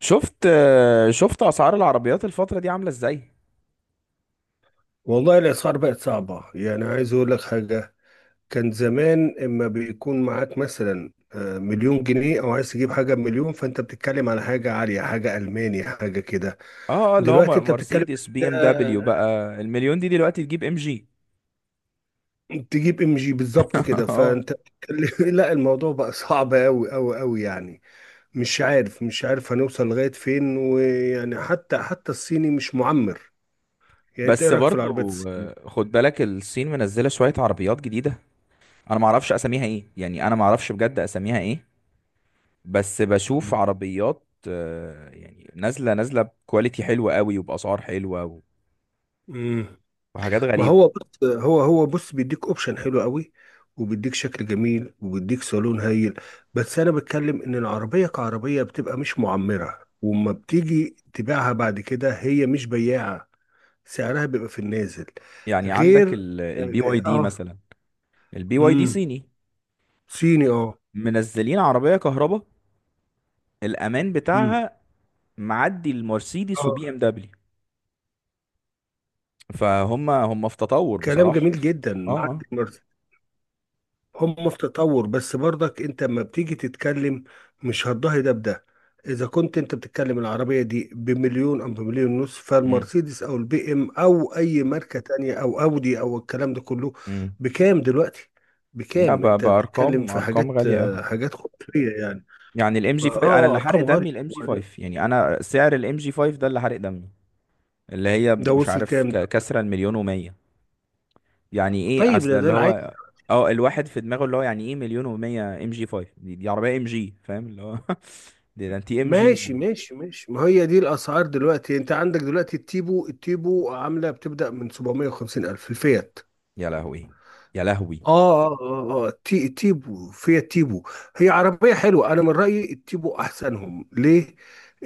شفت اسعار العربيات الفتره دي عامله ازاي؟ والله الأسعار بقت صعبة، يعني عايز أقول لك حاجة. كان زمان إما بيكون معاك مثلا مليون جنيه، أو عايز تجيب حاجة بمليون، فأنت بتتكلم على حاجة عالية، حاجة ألماني، حاجة كده. اللي هو دلوقتي أنت بتتكلم مرسيدس بي ام دبليو، آه، بقى المليون دي دلوقتي تجيب ام جي. تجيب ام جي بالظبط كده، اه. فأنت بتتكلم لا، الموضوع بقى صعب أوي أوي أوي يعني. مش عارف هنوصل لغاية فين، ويعني حتى الصيني مش معمر. يعني أنت إيه بس رأيك في العربيات برضو الصينية؟ خد بالك الصين منزله شويه عربيات جديده. انا ما اعرفش اساميها ايه، يعني انا ما اعرفش بجد اساميها ايه. بس بشوف عربيات يعني نازله نازله بكواليتي حلوه قوي وباسعار حلوه مم. وحاجات ما غريبه. هو بص، هو بص بيديك اوبشن حلو قوي، وبيديك شكل جميل، وبيديك صالون هايل. بس انا بتكلم ان العربيه كعربيه بتبقى مش معمره، وما بتيجي تبيعها بعد كده هي مش بياعه. سعرها بيبقى في النازل. يعني عندك غير. البي واي دي اه. مثلا. البي واي دي امم. صيني، صيني اه. منزلين عربيه كهرباء، الامان امم. بتاعها معدي المرسيدس وبي ام اه. دبليو، فهم في تطور كلام بصراحة. جميل جدا اه اه. معدي المرسى. هم في تطور، بس برضك انت لما بتيجي تتكلم، مش هتضاهي ده بده. اذا كنت انت بتتكلم العربية دي بمليون او بمليون ونص، امم فالمرسيدس او البي ام او اي ماركة تانية او اودي او الكلام ده كله امم بكام دلوقتي؟ لا، بكام؟ انت بتتكلم بأرقام، في أرقام حاجات غالية أوي. حاجات خرافية يعني. يعني الام جي اه، 5 انا اللي حرق ارقام دمي، غالية. الام جي 5، يعني انا سعر الام جي 5 ده اللي حرق دمي. اللي هي ده مش وصل عارف كام ده؟ كسره المليون ومية. يعني ايه طيب اصل ده ده اللي العادي. هو اه الواحد في دماغه، اللي هو يعني ايه مليون ومية؟ ام جي 5 دي عربيه ام جي، فاهم اللي هو؟ ده انت ام جي ماشي يعني. ماشي ماشي، ما هي دي الاسعار دلوقتي. انت عندك دلوقتي التيبو عامله بتبدا من 750 الف، الفيات. يا لهوي، يا لهوي. اه اه اه آه. تيبو، فيها تيبو. هي عربية حلوة، انا من رأيي التيبو احسنهم ليه.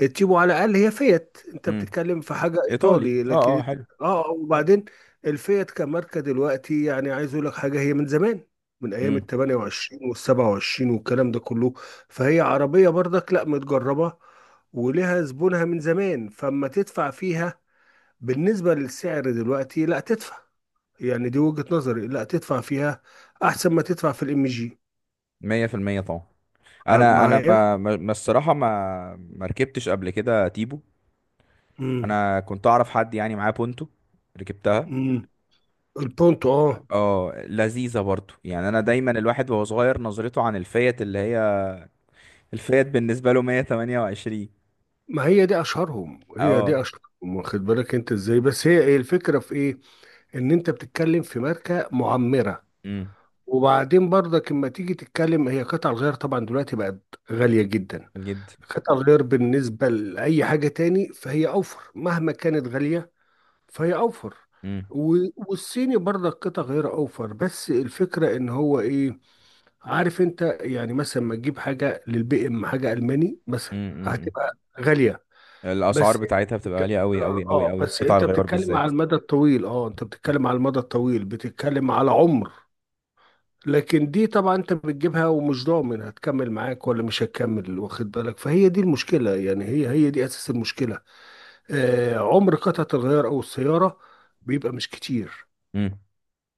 التيبو على الاقل هي فيات، انت امم بتتكلم في حاجة ايطالي، ايطالي، اه اه، لكن حلو. اه، وبعدين الفيات كماركة دلوقتي، يعني عايز اقول لك حاجة، هي من زمان، من ايام ال امم 28 وال 27 والكلام ده كله. فهي عربية برضك لا متجربة، ولها زبونها من زمان. فاما تدفع فيها، بالنسبة للسعر دلوقتي، لا. يعني دي وجهة نظري، لا تدفع فيها، احسن ما تدفع في الام جي. 100% طبعا. انا معايا. ما الصراحه ما ركبتش قبل كده تيبو. امم. انا كنت اعرف حد يعني معاه بونتو، ركبتها. امم. البونتو اه. اه، لذيذه برضو. يعني انا دايما الواحد وهو صغير نظرته عن الفيات اللي هي، الفيات بالنسبه له 128. ما هي دي اشهرهم، هي دي اه، اشهرهم، واخد بالك انت ازاي؟ بس هي ايه؟ الفكره في ايه؟ ان انت بتتكلم في ماركه معمره. امم وبعدين برضك لما تيجي تتكلم، هي قطع الغيار طبعا دلوقتي بقت غاليه جدا. جد. قطع الغيار بالنسبه لاي حاجه تاني فهي اوفر، مهما كانت غاليه فهي اوفر. امم والصيني برضك قطع غير اوفر، بس الفكره ان هو ايه؟ عارف انت، يعني مثلا ما تجيب حاجه للبي ام، حاجه الماني مثلا امم امم، امم. هتبقى غاليه. الاسعار بس بتاعتها بتبقى غاليه قوي قوي اه، قوي قوي، بس قطع انت الغيار بتتكلم على بالذات. المدى الطويل. اه انت بتتكلم على المدى الطويل، بتتكلم على عمر. لكن دي طبعا انت بتجيبها ومش ضامن هتكمل معاك ولا مش هتكمل، واخد بالك. فهي دي المشكله يعني، هي دي اساس المشكله. عمر قطعه الغيار او السياره بيبقى مش كتير امم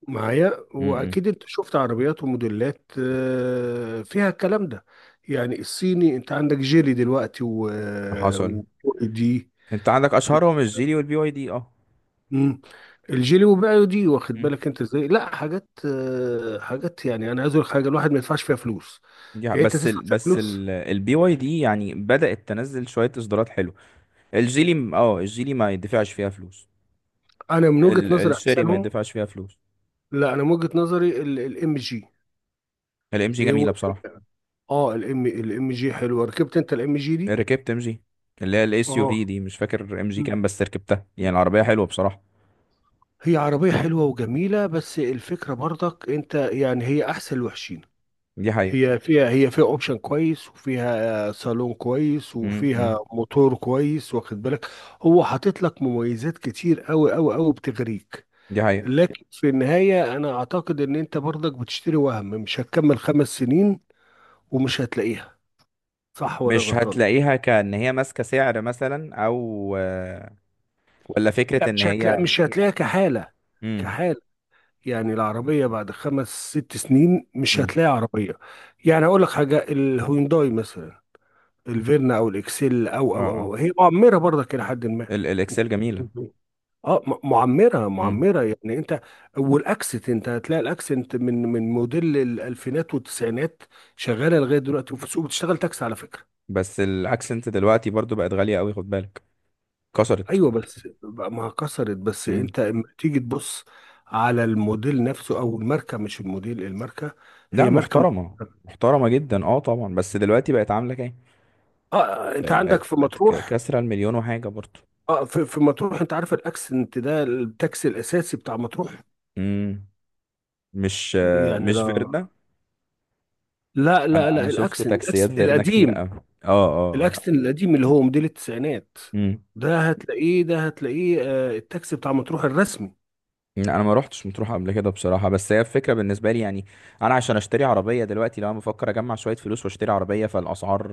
معايا. امم امم. واكيد انت شفت عربيات وموديلات فيها الكلام ده. يعني الصيني انت عندك جيلي دلوقتي و حصل. دي. انت عندك اشهرهم الجيلي والبي واي دي، اه. مم. الجيلي وبيعوا دي، واخد امم. بالك انت ازاي؟ لا حاجات حاجات، يعني انا عايز اقول لك حاجه، الواحد ما يدفعش فيها فلوس. يا يعني انت بس تدفع ال فيها بس فلوس؟ ال البي واي دي يعني بدأت تنزل شوية اصدارات حلوة. الجيلي الجيلي ما يدفعش فيها فلوس، انا من وجهه نظري الشيري ما احسنهم، يدفعش فيها فلوس. لا، انا من وجهه نظري الام جي. الام جي ايه هو؟ جميلة بصراحة. اه الام جي حلوه، ركبت انت الام جي دي؟ ركبت ام جي، اللي هي الاس يو اه. في دي، مش فاكر ام جي كام بس ركبتها، يعني مم. العربية حلوة بصراحة. هي عربية حلوة وجميلة، بس الفكرة برضك انت يعني هي احسن الوحشين. دي حقيقة. هي فيها اوبشن كويس، وفيها صالون كويس، م- م. وفيها موتور كويس، واخد بالك. هو حاطط لك مميزات كتير قوي قوي قوي بتغريك، دي حقيقة. لكن في النهاية انا اعتقد ان انت برضك بتشتري وهم، مش هتكمل خمس سنين ومش هتلاقيها، صح ولا مش غلطان؟ هتلاقيها، كأن هي ماسكة سعر مثلا، او آه، ولا فكرة لا، ان هي. مش هتلاقيها كحالة. امم كحالة، يعني العربية بعد خمس ست سنين مش امم هتلاقي عربية. يعني أقول لك حاجة، الهيونداي مثلا، الفيرنا أو الإكسيل، أو اه أو أو اه. أو، هي معمرة برضك إلى حد ما. الاكسل جميلة. مهم. اه، معمرة امم. معمرة يعني انت. والاكسنت، انت هتلاقي الاكسنت من موديل الالفينات والتسعينات شغالة لغاية دلوقتي، وفي السوق بتشتغل تاكسي على فكرة. بس الاكسنت دلوقتي برضو بقت غالية قوي، خد بالك، كسرت. ايوه، بس بقى ما كسرت. بس مم. انت اما تيجي تبص على الموديل نفسه او الماركة، مش الموديل، الماركة. لا هي ماركة معمرة. محترمة، محترمة جدا، اه طبعا. بس دلوقتي بقت عاملة كام؟ اه، انت بقت بقت عندك في بقت مطروح، كسرة المليون وحاجة برضو. اه في, مطروح، انت عارف الاكسنت ده التاكسي الاساسي بتاع مطروح. مم. مش آه، يعني مش لا فيرنا؟ لا لا انا لا، شفت الاكسنت، تاكسيات فيرنا كتير القديم. قوي. اه اه اه. الاكسنت القديم اللي هو موديل التسعينات، مم. ده هتلاقيه التاكسي بتاع مطروح الرسمي. لا، انا ما روحتش مطروح قبل كده بصراحة، بس هي الفكرة بالنسبة لي. يعني انا عشان اشتري عربية دلوقتي، لو انا بفكر اجمع شوية فلوس واشتري عربية، فالاسعار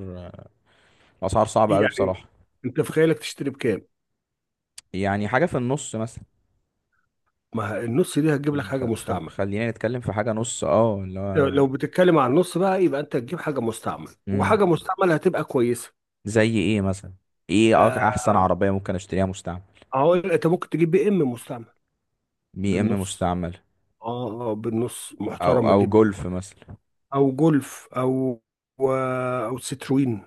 الاسعار صعبة قوي يعني بصراحة. انت في خيالك تشتري بكام؟ يعني حاجة في النص مثلا. ما النص دي هتجيب لك يعني حاجه مستعمل. خلينا نتكلم في حاجة نص، اه اللي لو هو. لو بتتكلم عن النص بقى، يبقى انت تجيب حاجه مستعمل، وحاجه مم. مستعمل هتبقى كويسه. زي ايه مثلا؟ ايه احسن آه عربية ممكن اشتريها مستعمل؟ هقول انت ممكن تجيب بي ام مستعمل، بي ام بالنص. مستعمل، اه اه، بالنص او محترمة او جدا. جولف مثلا. او جولف، او او ستروين،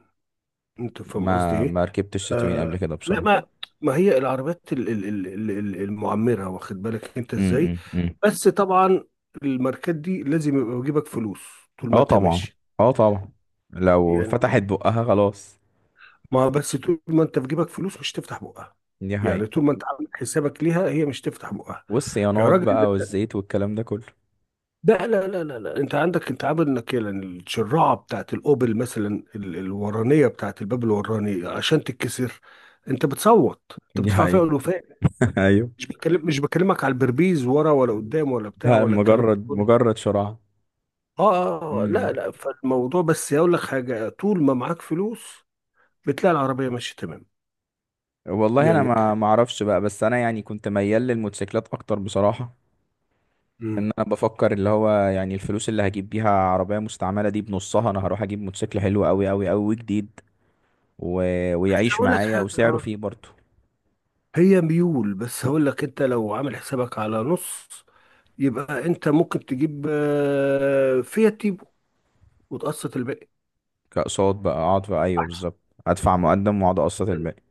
انت فاهم قصدي ما ايه. ما ركبتش تتوين قبل آه كده لا بصراحة. ما. ما هي العربيات المعمرة، واخد بالك انت ازاي. امم، امم. بس طبعا الماركات دي لازم يبقى في جيبك فلوس طول ما اه انت طبعا، ماشي. اه طبعا، لو يعني، فتحت بقها خلاص. ما بس طول ما انت في جيبك فلوس مش تفتح بقها، دي يعني طول حقيقة. ما انت عامل حسابك ليها هي مش تفتح بقها. يا والصيانات راجل، بقى والزيت والكلام ده كله. لا لا لا لا لا، انت عندك، انت عامل انك يعني الشراعه بتاعت الاوبل مثلا، الورانيه بتاعت الباب الوراني عشان تتكسر انت بتصوت، انت دي بتدفع فيها حقيقة. الوفاء. ايوه. مش بكلمك على البربيز ورا ولا قدام ولا بتاع ده ولا الكلام ده مجرد كله. مجرد شراع. اه اه، لا امم. لا، فالموضوع بس يقول لك حاجه، طول ما معاك فلوس بتلاقي العربيه ماشيه تمام. والله انا يعني. ما اعرفش بقى، بس انا يعني كنت ميال للموتوسيكلات اكتر بصراحة. مم. ان انا بفكر اللي هو، يعني الفلوس اللي هجيب بيها عربية مستعملة دي بنصها انا هروح اجيب موتوسيكل حلو قوي قوي قوي وجديد و... بس ويعيش هقول لك معايا حاجه، وسعره فيه برضه. هي ميول. بس هقول لك انت لو عامل حسابك على نص، يبقى انت ممكن تجيب فيها تيبو وتقسط الباقي، كأقساط بقى، اقعد بقى، ايوه احسن. بالظبط، ادفع مقدم واقعد اقسط الباقي.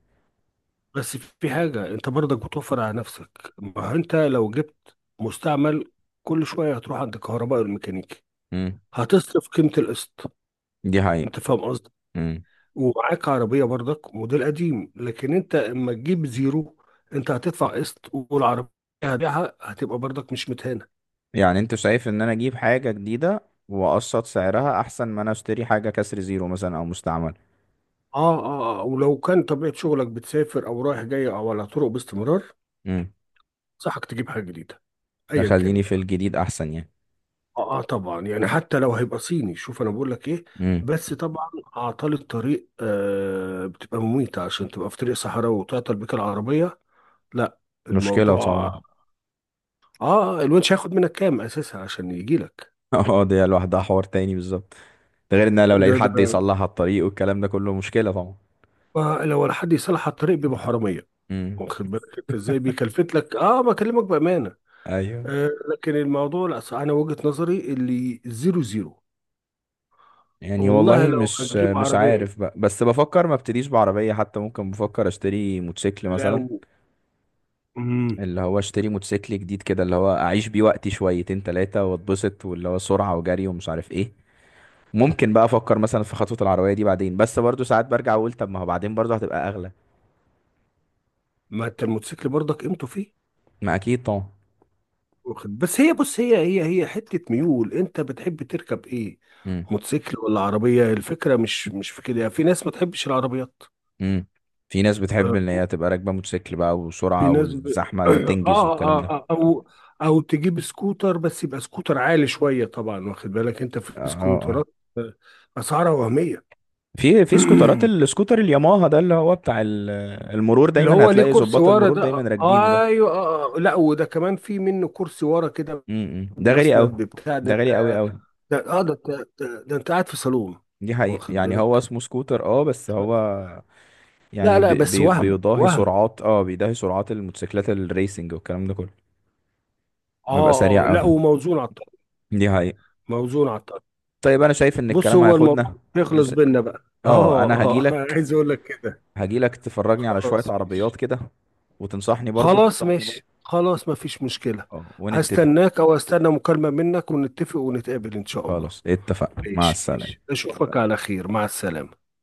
بس في حاجة انت برضك بتوفر على نفسك، ما هو انت لو جبت مستعمل كل شوية هتروح عند كهرباء الميكانيكي، امم. هتصرف قيمة القسط، دي حقيقة. انت فاهم قصدي. امم. ومعاك عربية برضك موديل قديم، لكن انت اما تجيب زيرو، انت هتدفع قسط، والعربية هتبيعها هتبقى برضك مش متهان. يعني انت شايف ان انا اجيب حاجة جديدة واقسط سعرها احسن ما انا اشتري حاجة كسر زيرو مثلا او مستعمل. اه اه آه. ولو كان طبيعة شغلك بتسافر او رايح جاي او على طرق باستمرار، امم. صحك تجيب حاجة جديدة ايا كان تخليني في بقى. الجديد احسن يعني. اه, طبعا يعني، حتى لو هيبقى صيني. شوف انا بقول لك ايه، امم. بس طبعا اعطال الطريق بتبقى مميتة، عشان تبقى في طريق صحراوي وتعطل بيك العربية، لا. مشكلة الموضوع، طبعا. اه، الونش هياخد منك كام اساسا عشان يجي لك؟ اه، دي لوحدها حوار تاني بالظبط. ده غير ان أنا لو ده لقيت ده حد يصلح الطريق والكلام ده كله، مشكلة طبعا. ما لو ولا حد يصلح على الطريق بيبقى حرامية، امم. واخد بالك انت ازاي، بيكلفت لك، بكلمك بأمانة. ايوه. لكن الموضوع لا صح، انا وجهة نظري اللي زيرو زيرو. يعني والله والله لو مش هتجيب مش عربية، عارف بقى، بس بفكر ما ابتديش بعربية حتى، ممكن بفكر اشتري موتوسيكل مثلا. لو. مم. اللي هو اشتري موتوسيكل جديد كده، اللي هو اعيش بيه وقتي شويتين تلاتة واتبسط، واللي هو سرعة وجري ومش عارف ايه. ممكن بقى افكر مثلا في خطوة العربية دي بعدين، بس برضو ساعات برجع اقول طب ما هو بعدين برضو هتبقى اغلى. ما انت الموتوسيكل برضك قيمته فيه، ما اكيد طبعا. واخد. بس هي بص، هي حتة ميول، انت بتحب تركب ايه، امم، موتوسيكل ولا عربية؟ الفكرة مش في كده، يعني في ناس ما تحبش العربيات. امم. في ناس بتحب آه، ان هي تبقى راكبة موتوسيكل بقى، في وسرعة ناس ب... والزحمة آه, تنجز والكلام آه, ده. آه او او تجيب سكوتر، بس يبقى سكوتر عالي شوية طبعا، واخد بالك، انت في اه اه. سكوترات اسعارها وهمية. في سكوترات، السكوتر الياماها ده اللي هو بتاع المرور، اللي دايما هو ليه هتلاقي كرسي ظباط ورا المرور ده، دايما راكبينه ده. ايوه، لا وده كمان في منه كرسي ورا كده، امم، ده غالي بمسند قوي، ببتاع، ده ده غالي قوي ده قوي. ده- ده انت قاعد في صالون، دي حقيقة، واخد يعني هو بالك. اسمه سكوتر اه، بس هو لا يعني لا، بي بس بي وهم بيضاهي وهم. سرعات، بيضاهي سرعات الموتوسيكلات الريسنج والكلام ده كله، اه بيبقى سريع اه، لا، قوي. وموزون على الطاوله. دي حقيقة. موزون على الطاوله. طيب انا شايف ان بص الكلام هو الموضوع هياخدنا. انا يخلص س... بينا بقى، اه اه انا اه هجيلك، عايز اقول لك كده. هجيلك تفرجني على شوية خلاص عربيات ماشي. كده وتنصحني برضو، خلاص ماشي، خلاص مفيش مشكلة. اه ونتفق. هستناك، او استنى مكالمة منك ونتفق ونتقابل ان شاء الله. خلاص اتفقنا، مع ماشي ماشي، السلامة. أشوفك على خير، مع السلامة.